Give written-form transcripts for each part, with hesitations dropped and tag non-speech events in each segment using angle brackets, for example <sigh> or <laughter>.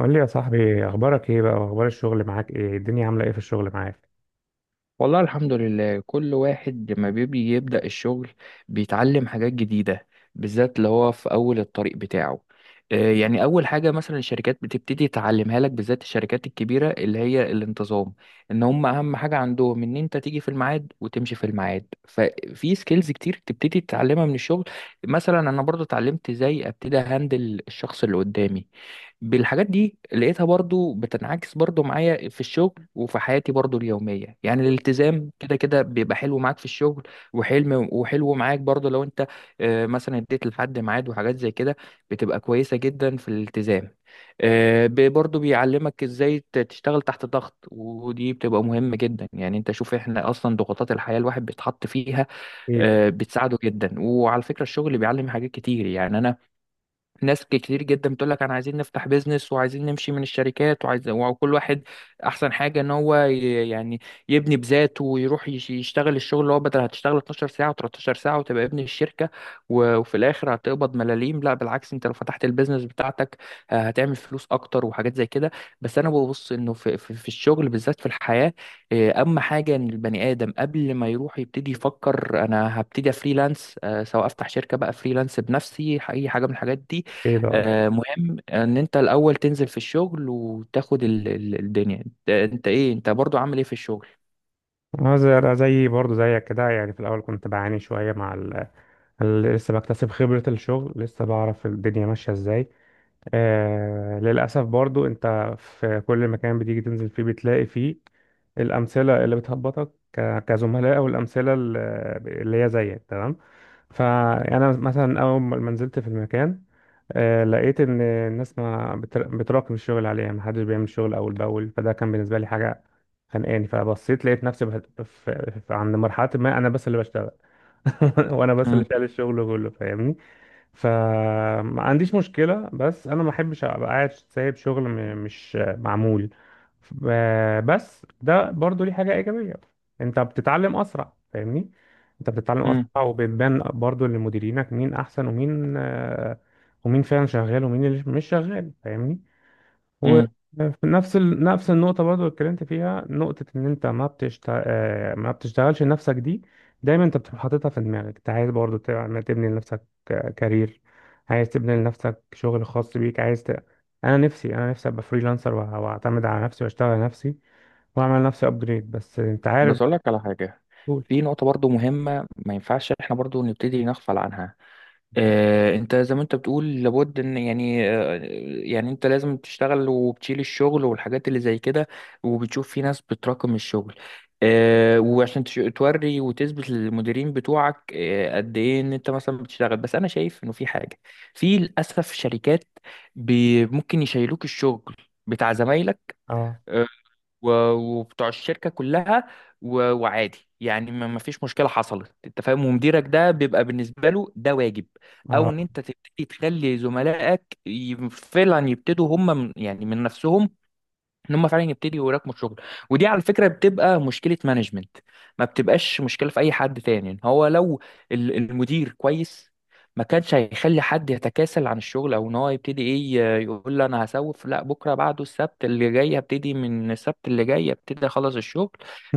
قول لي يا صاحبي، اخبارك ايه بقى واخبار الشغل معاك؟ ايه الدنيا عامله ايه في الشغل معاك؟ والله الحمد لله. كل واحد لما بيبي يبدأ الشغل بيتعلم حاجات جديدة، بالذات اللي هو في أول الطريق بتاعه. يعني أول حاجة مثلا الشركات بتبتدي تعلمها لك، بالذات الشركات الكبيرة اللي هي الانتظام. إن هم أهم حاجة عندهم إن أنت تيجي في الميعاد وتمشي في الميعاد، ففي سكيلز كتير تبتدي تتعلمها من الشغل. مثلا أنا برضو اتعلمت إزاي أبتدي أهندل الشخص اللي قدامي. بالحاجات دي لقيتها برضو بتنعكس برضو معايا في الشغل وفي حياتي برضو اليومية. يعني الالتزام كده كده بيبقى حلو معاك في الشغل، وحلم وحلو معاك برضو لو انت مثلا اديت لحد ميعاد وحاجات زي كده، بتبقى كويسة جدا في الالتزام. برضو بيعلمك ازاي تشتغل تحت ضغط، ودي بتبقى مهمة جدا. يعني انت شوف احنا اصلا ضغوطات الحياة الواحد بيتحط فيها، ايه ده؟ بتساعده جدا. وعلى فكرة الشغل بيعلم حاجات كتير، يعني انا ناس كتير جدا بتقول لك انا عايزين نفتح بيزنس وعايزين نمشي من الشركات وعايز، وكل واحد احسن حاجه ان هو يعني يبني بذاته ويروح يشتغل الشغل، اللي هو بدل هتشتغل 12 ساعه و13 ساعه وتبقى ابن الشركه، وفي الاخر هتقبض ملاليم. لا بالعكس، انت لو فتحت البيزنس بتاعتك، هتعمل فلوس اكتر وحاجات زي كده. بس انا ببص انه في الشغل، بالذات في الحياه. اهم حاجه ان البني ادم قبل ما يروح يبتدي يفكر انا هبتدي فريلانس، سواء افتح شركه بقى، فريلانس بنفسي، اي حاجه من الحاجات دي. ايه ده؟ مهم ان انت الاول تنزل في الشغل وتاخد الدنيا. انت انت ايه، انت برضو عامل ايه في الشغل؟ اه زي زي برضه زيك كده يعني. في الاول كنت بعاني شويه مع لسه بكتسب خبره الشغل، لسه بعرف الدنيا ماشيه ازاي. للأسف برضو أنت في كل مكان بتيجي تنزل فيه بتلاقي فيه الأمثلة اللي بتهبطك كزملاء، أو الأمثلة اللي هي زيك تمام. فأنا مثلا أول ما نزلت في المكان، لقيت إن الناس ما بتر- بتراكم الشغل عليها، محدش بيعمل شغل أول بأول. فده كان بالنسبة لي حاجة خانقاني. فبصيت لقيت نفسي عند مرحلة ما أنا بس اللي بشتغل، <laughs> وأنا بس اللي امم شايل الشغل كله، فاهمني؟ فما عنديش مشكلة، بس أنا ما أحبش أبقى قاعد سايب شغل مش معمول. بس ده برضو ليه حاجة إيجابية، أنت بتتعلم أسرع، فاهمني؟ أنت بتتعلم امم أسرع، وبتبان برضو لمديرينك مين أحسن ومين ومين فعلا شغال ومين اللي مش شغال، فاهمني؟ وفي امم. نفس النقطة برضو اللي اتكلمت فيها، نقطة إن أنت ما بتشتغلش نفسك دي. دايما أنت بتبقى حاططها في دماغك، أنت عايز برضو تبني لنفسك كارير، عايز تبني لنفسك شغل خاص بيك، عايز ت... أنا نفسي أبقى فريلانسر، وأعتمد على نفسي وأشتغل على نفسي، وأعمل لنفسي أبجريد. بس أنت عارف بس اقول بقى. لك على حاجه، قول. في نقطه برضو مهمه ما ينفعش احنا برضو نبتدي نغفل عنها. انت زي ما انت بتقول لابد ان يعني، يعني انت لازم تشتغل وبتشيل الشغل والحاجات اللي زي كده، وبتشوف في ناس بتراكم الشغل. وعشان توري وتثبت للمديرين بتوعك قد ايه ان انت مثلا بتشتغل. بس انا شايف انه في حاجة، في للاسف شركات ممكن يشيلوك الشغل بتاع زمايلك أه. وبتوع الشركة كلها، وعادي. يعني ما فيش مشكلة حصلت، انت فاهم، ومديرك ده بيبقى بالنسبة له ده واجب. او أه. ان انت تبتدي تخلي زملائك فعلا يبتدوا هم من يعني من نفسهم ان هم فعلا يبتدوا يراكموا الشغل. ودي على فكره بتبقى مشكله مانجمنت، ما بتبقاش مشكله في اي حد تاني. إن هو لو المدير كويس ما كانش هيخلي حد يتكاسل عن الشغل، او ان هو يبتدي ايه، يقول لي انا هسوف، لا بكره، بعده، السبت اللي جاي هبتدي، من السبت اللي جاي ابتدي اخلص الشغل،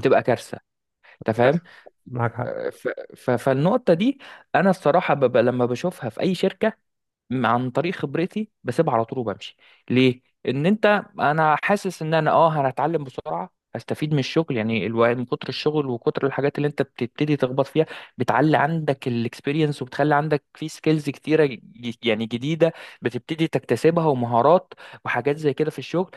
تبقى كارثه. انت فاهم؟ <laughs> معاك حق. آه، ف- فالنقطه دي انا الصراحه ببقى لما بشوفها في اي شركه عن طريق خبرتي بسيبها على طول وبمشي. ليه؟ ان انت، انا حاسس ان انا اه انا هتعلم بسرعه، هستفيد من الشغل. يعني الواحد من كتر الشغل وكتر الحاجات اللي انت بتبتدي تخبط فيها، بتعلي عندك الاكسبيرينس وبتخلي عندك في سكيلز كتيره يعني جديده بتبتدي تكتسبها، ومهارات وحاجات زي كده في الشغل.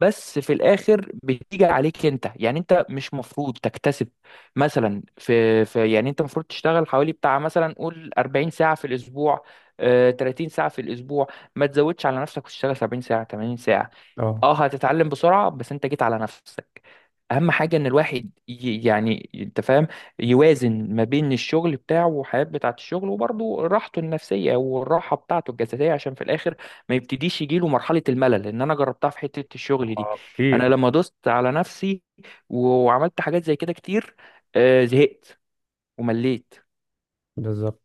بس في الاخر بتيجي عليك انت، يعني انت مش مفروض تكتسب مثلا في, في يعني انت المفروض تشتغل حوالي بتاع مثلا قول 40 ساعه في الاسبوع، 30 ساعة في الأسبوع. ما تزودش على نفسك وتشتغل 70 ساعة 80 ساعة. أه. اه هتتعلم بسرعة، بس انت جيت على نفسك. أهم حاجة إن الواحد يعني أنت فاهم، يوازن ما بين الشغل بتاعه والحياة بتاعة الشغل، وبرضه راحته النفسية والراحة بتاعته الجسدية، عشان في الآخر ما يبتديش يجيله مرحلة الملل. لأن أنا جربتها في حتة الشغل دي. آه، أنا كتير. لما دوست على نفسي وعملت حاجات زي كده كتير، زهقت ومليت. بالظبط.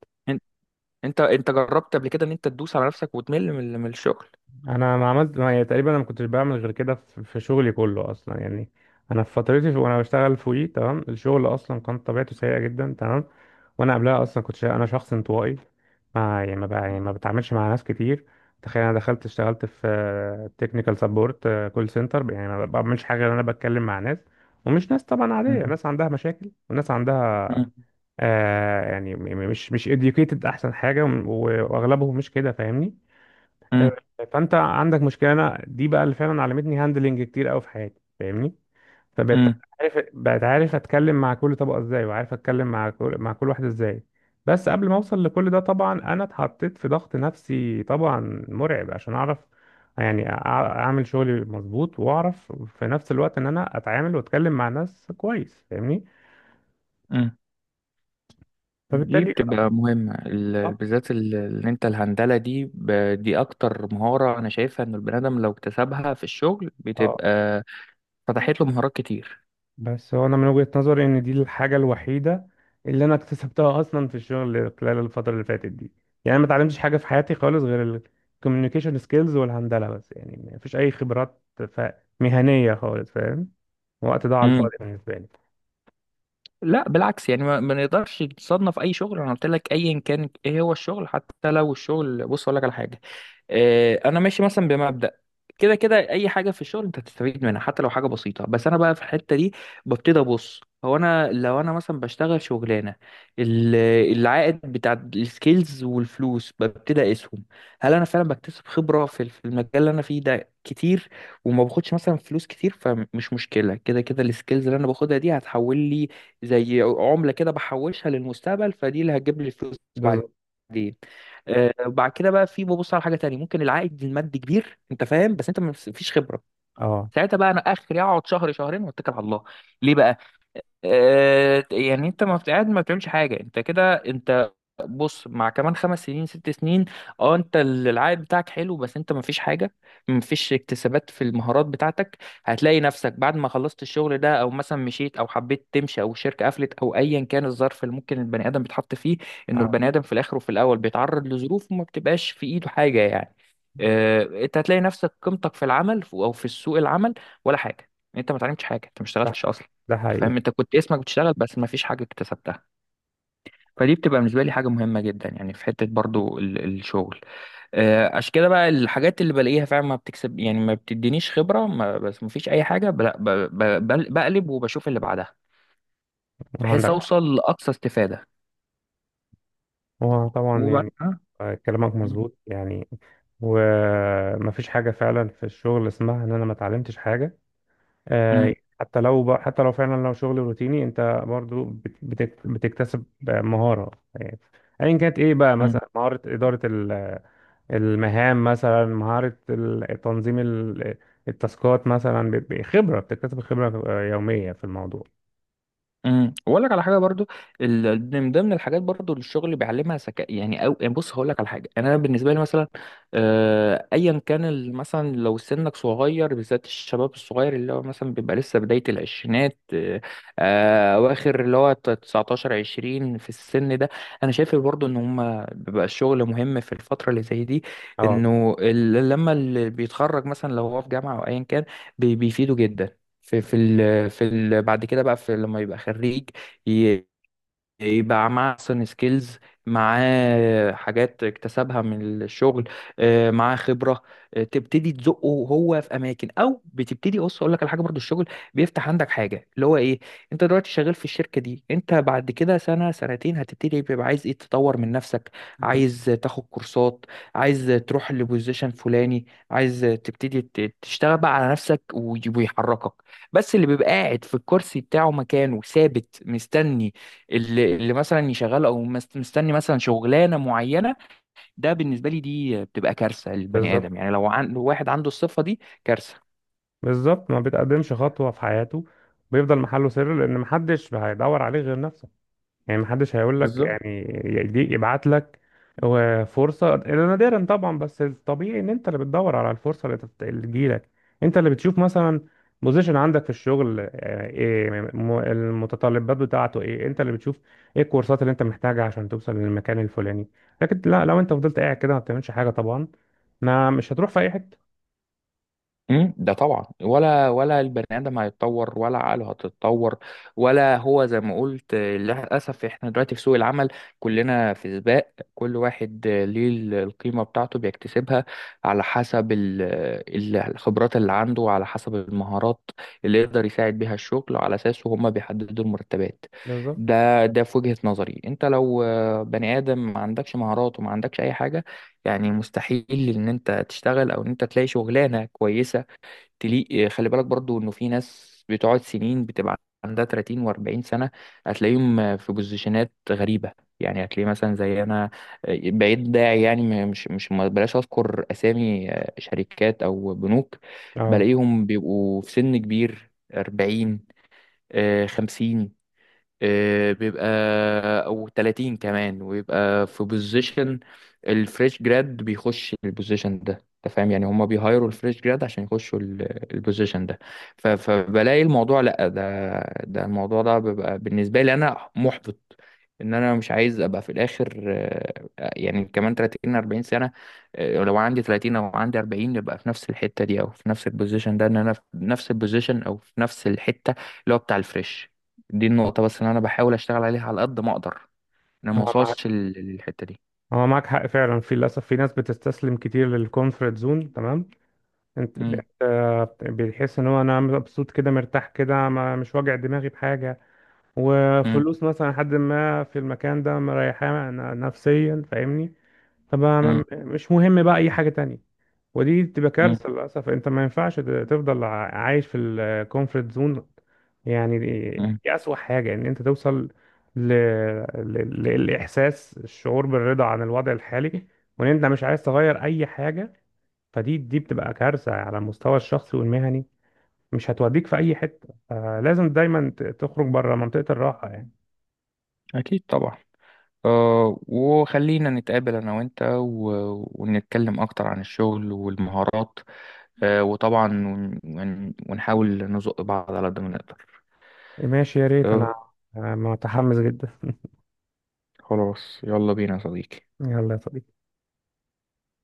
انت انت جربت قبل كده ان انت تدوس على نفسك وتمل من من الشغل؟ انا ما عملت ما يعني، تقريبا انا ما كنتش بعمل غير كده في شغلي كله اصلا يعني. انا في فترتي في... وانا بشتغل فوقي تمام، الشغل اصلا كان طبيعته سيئه جدا تمام. وانا قبلها اصلا انا شخص انطوائي، ما يعني ما, ب... يعني ما بتعاملش مع ناس كتير. تخيل انا دخلت اشتغلت في تكنيكال سبورت، كول سنتر، يعني ما بعملش حاجه غير إن انا بتكلم مع ناس. ومش ناس طبعا مم. عاديه، ناس عندها مشاكل وناس عندها مم. مش educated، احسن حاجه، واغلبهم مش كده، فاهمني؟ مم. فانت عندك مشكله. انا دي بقى اللي فعلا علمتني هاندلنج كتير قوي في حياتي، فاهمني؟ فبقيت مم. عارف، بقيت عارف اتكلم مع كل طبقه ازاي، وعارف اتكلم مع كل واحده ازاي. بس قبل ما اوصل لكل ده طبعا انا اتحطيت في ضغط نفسي طبعا مرعب، عشان اعرف يعني اعمل شغلي مظبوط، واعرف في نفس الوقت ان انا اتعامل واتكلم مع ناس كويس، فاهمني؟ مم. دي فبالتالي بتبقى مهمة، بالذات ان انت الهندلة دي، دي اكتر مهارة انا شايفها ان البني ادم لو اكتسبها في الشغل اه. بتبقى فتحت له مهارات كتير. بس هو انا من وجهة نظري ان دي الحاجة الوحيدة اللي انا اكتسبتها اصلا في الشغل خلال الفترة اللي فاتت دي. يعني ما اتعلمتش حاجة في حياتي خالص غير الكوميونيكيشن سكيلز والهندلة بس، يعني ما فيش اي خبرات مهنية خالص، فاهم؟ وقت ضاع على مم. الفاضي بالنسبة لي. لا بالعكس، يعني ما نقدرش نصنف اي شغل. انا قلت لك ايا كان ايه هو الشغل، حتى لو الشغل، بص اقول لك على حاجة. انا ماشي مثلا بمبدأ كده كده اي حاجه في الشغل انت هتستفيد منها، حتى لو حاجه بسيطه. بس انا بقى في الحته دي ببتدي ابص، هو انا لو انا مثلا بشتغل شغلانه، ال- العائد بتاع السكيلز والفلوس ببتدي اقيسهم. هل انا فعلا بكتسب خبره في في المجال اللي انا فيه ده كتير، وما باخدش مثلا فلوس كتير؟ فمش مشكله، كده كده السكيلز اللي انا باخدها دي هتحول لي زي عمله كده، بحوشها للمستقبل، فدي اللي هتجيب لي فلوس بعدين. بالظبط. وبعد كده بقى في ببص على حاجه تانية، ممكن العائد المادي كبير، انت فاهم، بس انت مفيش خبره. اه ساعتها بقى انا اخري اقعد شهر شهرين واتكل على الله. ليه بقى؟ آه يعني انت ما بت- قاعد ما بتعملش حاجه. انت كده انت، بص مع كمان خمس سنين ست سنين، اه انت العائد بتاعك حلو، بس انت مفيش حاجه، مفيش اكتسابات في المهارات بتاعتك. هتلاقي نفسك بعد ما خلصت الشغل ده او مثلا مشيت او حبيت تمشي او الشركه قفلت، او ايا كان الظرف اللي ممكن البني ادم بيتحط فيه. انه اه. البني ادم في الاخر وفي الاول بيتعرض لظروف وما بتبقاش في ايده حاجه يعني. اه انت هتلاقي نفسك، قيمتك في العمل او في سوق العمل ولا حاجه، انت ما اتعلمتش حاجه، انت ما ده اشتغلتش اصلا. ده انت حقيقي. فاهم، انت كنت اسمك بتشتغل بس مفيش حاجه اكتسبتها. فدي بتبقى بالنسبة لي حاجة مهمة جدا، يعني في حتة برضو الشغل. عشان كده بقى الحاجات اللي بلاقيها فعلا ما بتكسب، يعني ما بتدينيش خبرة ما، بس ما فيش أي حاجة بقلب وبشوف اللي بعدها، بحيث عندك حق. أوصل لأقصى استفادة. هو طبعا وبعد- يعني، آه. آه، كلامك م- مظبوط يعني. ومفيش حاجة فعلا في الشغل اسمها ان انا ما اتعلمتش حاجة. م- آه، حتى لو حتى لو فعلا لو شغل روتيني، انت برضو بتكتسب مهارة يعني. ايا كانت ايه بقى، م. مثلا مهارة إدارة المهام، مثلا مهارة تنظيم التاسكات، مثلا ب- ب- خبرة بتكتسب خبرة آه، يومية في الموضوع. واقول لك على حاجه برضو، ده من الحاجات برضو اللي الشغل بيعلمها، ذكاء يعني. او يعني بص هقول لك على حاجه انا بالنسبه لي مثلا، ايا كان مثلا لو سنك صغير، بالذات الشباب الصغير اللي هو مثلا بيبقى لسه بدايه العشرينات، اواخر اللي هو 19 20 في السن ده. انا شايف برضو ان هم بيبقى الشغل مهم في الفتره اللي زي دي. اه انه لما اللي بيتخرج مثلا لو هو في جامعه او ايا كان بيفيده جدا في في ال في ال بعد كده بقى في لما يبقى خريج، ي- يبقى معاه احسن سكيلز، معاه حاجات اكتسبها من الشغل، معاه خبره، تبتدي تزقه هو في اماكن. او بتبتدي، بص اقول لك على حاجه برضو، الشغل بيفتح عندك حاجه اللي هو ايه، انت دلوقتي شغال في الشركه دي، انت بعد كده سنه سنتين هتبتدي بيبقى عايز ايه تطور من نفسك، أكيد. عايز تاخد كورسات، عايز تروح لبوزيشن فلاني، عايز تبتدي تشتغل بقى على نفسك ويحركك. بس اللي بيبقى قاعد في الكرسي بتاعه مكانه ثابت مستني، اللي مثلا يشغل او مستني مثلا شغلانه معينه، ده بالنسبه لي دي بتبقى كارثه للبني بالظبط. ادم. يعني لو لو واحد عنده الصفه دي كارثه. بالظبط، ما بتقدمش خطوة في حياته، بيفضل محله سر لأن محدش هيدور عليه غير نفسه. يعني محدش هيقول لك بالظبط. يعني يديك، يبعت لك فرصة، إلا نادرا طبعا. بس الطبيعي ان انت اللي بتدور على الفرصة اللي تجيلك، انت اللي بتشوف مثلا بوزيشن عندك في الشغل آه، ايه المتطلبات بتاعته، ايه انت اللي بتشوف ايه الكورسات اللي انت محتاجها عشان توصل للمكان الفلاني. لكن لا، لو انت فضلت قاعد كده ما بتعملش حاجة طبعا، ما مش هتروح في اي حتة. مم، ده طبعا، ولا البني ادم هيتطور ولا عقله هتتطور. ولا هو زي ما قلت، للاسف احنا دلوقتي في سوق العمل، كلنا في سباق، كل واحد ليه القيمه بتاعته بيكتسبها على حسب الخبرات اللي عنده، على حسب المهارات اللي يقدر يساعد بيها الشغل، على اساسه هما بيحددوا المرتبات. بالظبط. ده ده في وجهه نظري انت لو بني ادم ما عندكش مهارات وما عندكش اي حاجه، يعني مستحيل ان انت تشتغل او ان انت تلاقي شغلانه كويسه تليق. خلي بالك برضو انه في ناس بتقعد سنين بتبقى عندها 30 و40 سنة، هتلاقيهم في بوزيشنات غريبة. يعني هتلاقيه مثلا زي انا، بقيت داعي، يعني مش مش ما بلاش اذكر اسامي، شركات او بنوك، اه. بلاقيهم بيبقوا في سن كبير 40 50، بيبقى او 30 كمان، ويبقى في بوزيشن الفريش جراد بيخش البوزيشن ده. انت فاهم؟ يعني هما بيهايروا الفريش جراد عشان يخشوا البوزيشن ده. فبلاقي الموضوع، لا ده ده الموضوع ده بيبقى بالنسبه لي انا محبط، ان انا مش عايز ابقى في الاخر، يعني كمان 30 40 سنه، لو عندي 30 او عندي 40 يبقى في نفس الحته دي او في نفس البوزيشن ده، ان انا في نفس البوزيشن او في نفس الحته اللي هو بتاع الفريش. دي النقطة بس اللي أنا بحاول أشتغل عليها على قد ما أقدر، أنا ما هو معاك أوصلش للحتة دي. هو معاك حق فعلا، في للاسف في ناس بتستسلم كتير للكونفرت زون تمام. انت مم. انت بتحس ان هو انا مبسوط كده، مرتاح كده، ما مش واجع دماغي بحاجه، مم. وفلوس مثلا حد ما في المكان ده، مريحاه نفسيا، فاهمني؟ طب أنا مم. مش مهم بقى اي حاجه تانية. ودي تبقى مم. كارثه للاسف، انت ما ينفعش تفضل عايش في الكومفورت زون. يعني مم. دي اسوأ حاجه، ان انت توصل ل... للاحساس، الشعور بالرضا عن الوضع الحالي، وان انت مش عايز تغير اي حاجه. دي بتبقى كارثة على المستوى الشخصي والمهني، مش هتوديك في أي حتة. فلازم دايما تخرج بره منطقة الراحة يعني. أكيد طبعا. أه وخلينا نتقابل أنا وأنت ونتكلم أكتر عن الشغل والمهارات. أه وطبعا ونحاول نزق بعض على قد ما نقدر. ماشي يا ريت. أه. أنا أنا متحمس جدا. <laughs> خلاص، يلا بينا يا صديقي. يلا يا صديقي.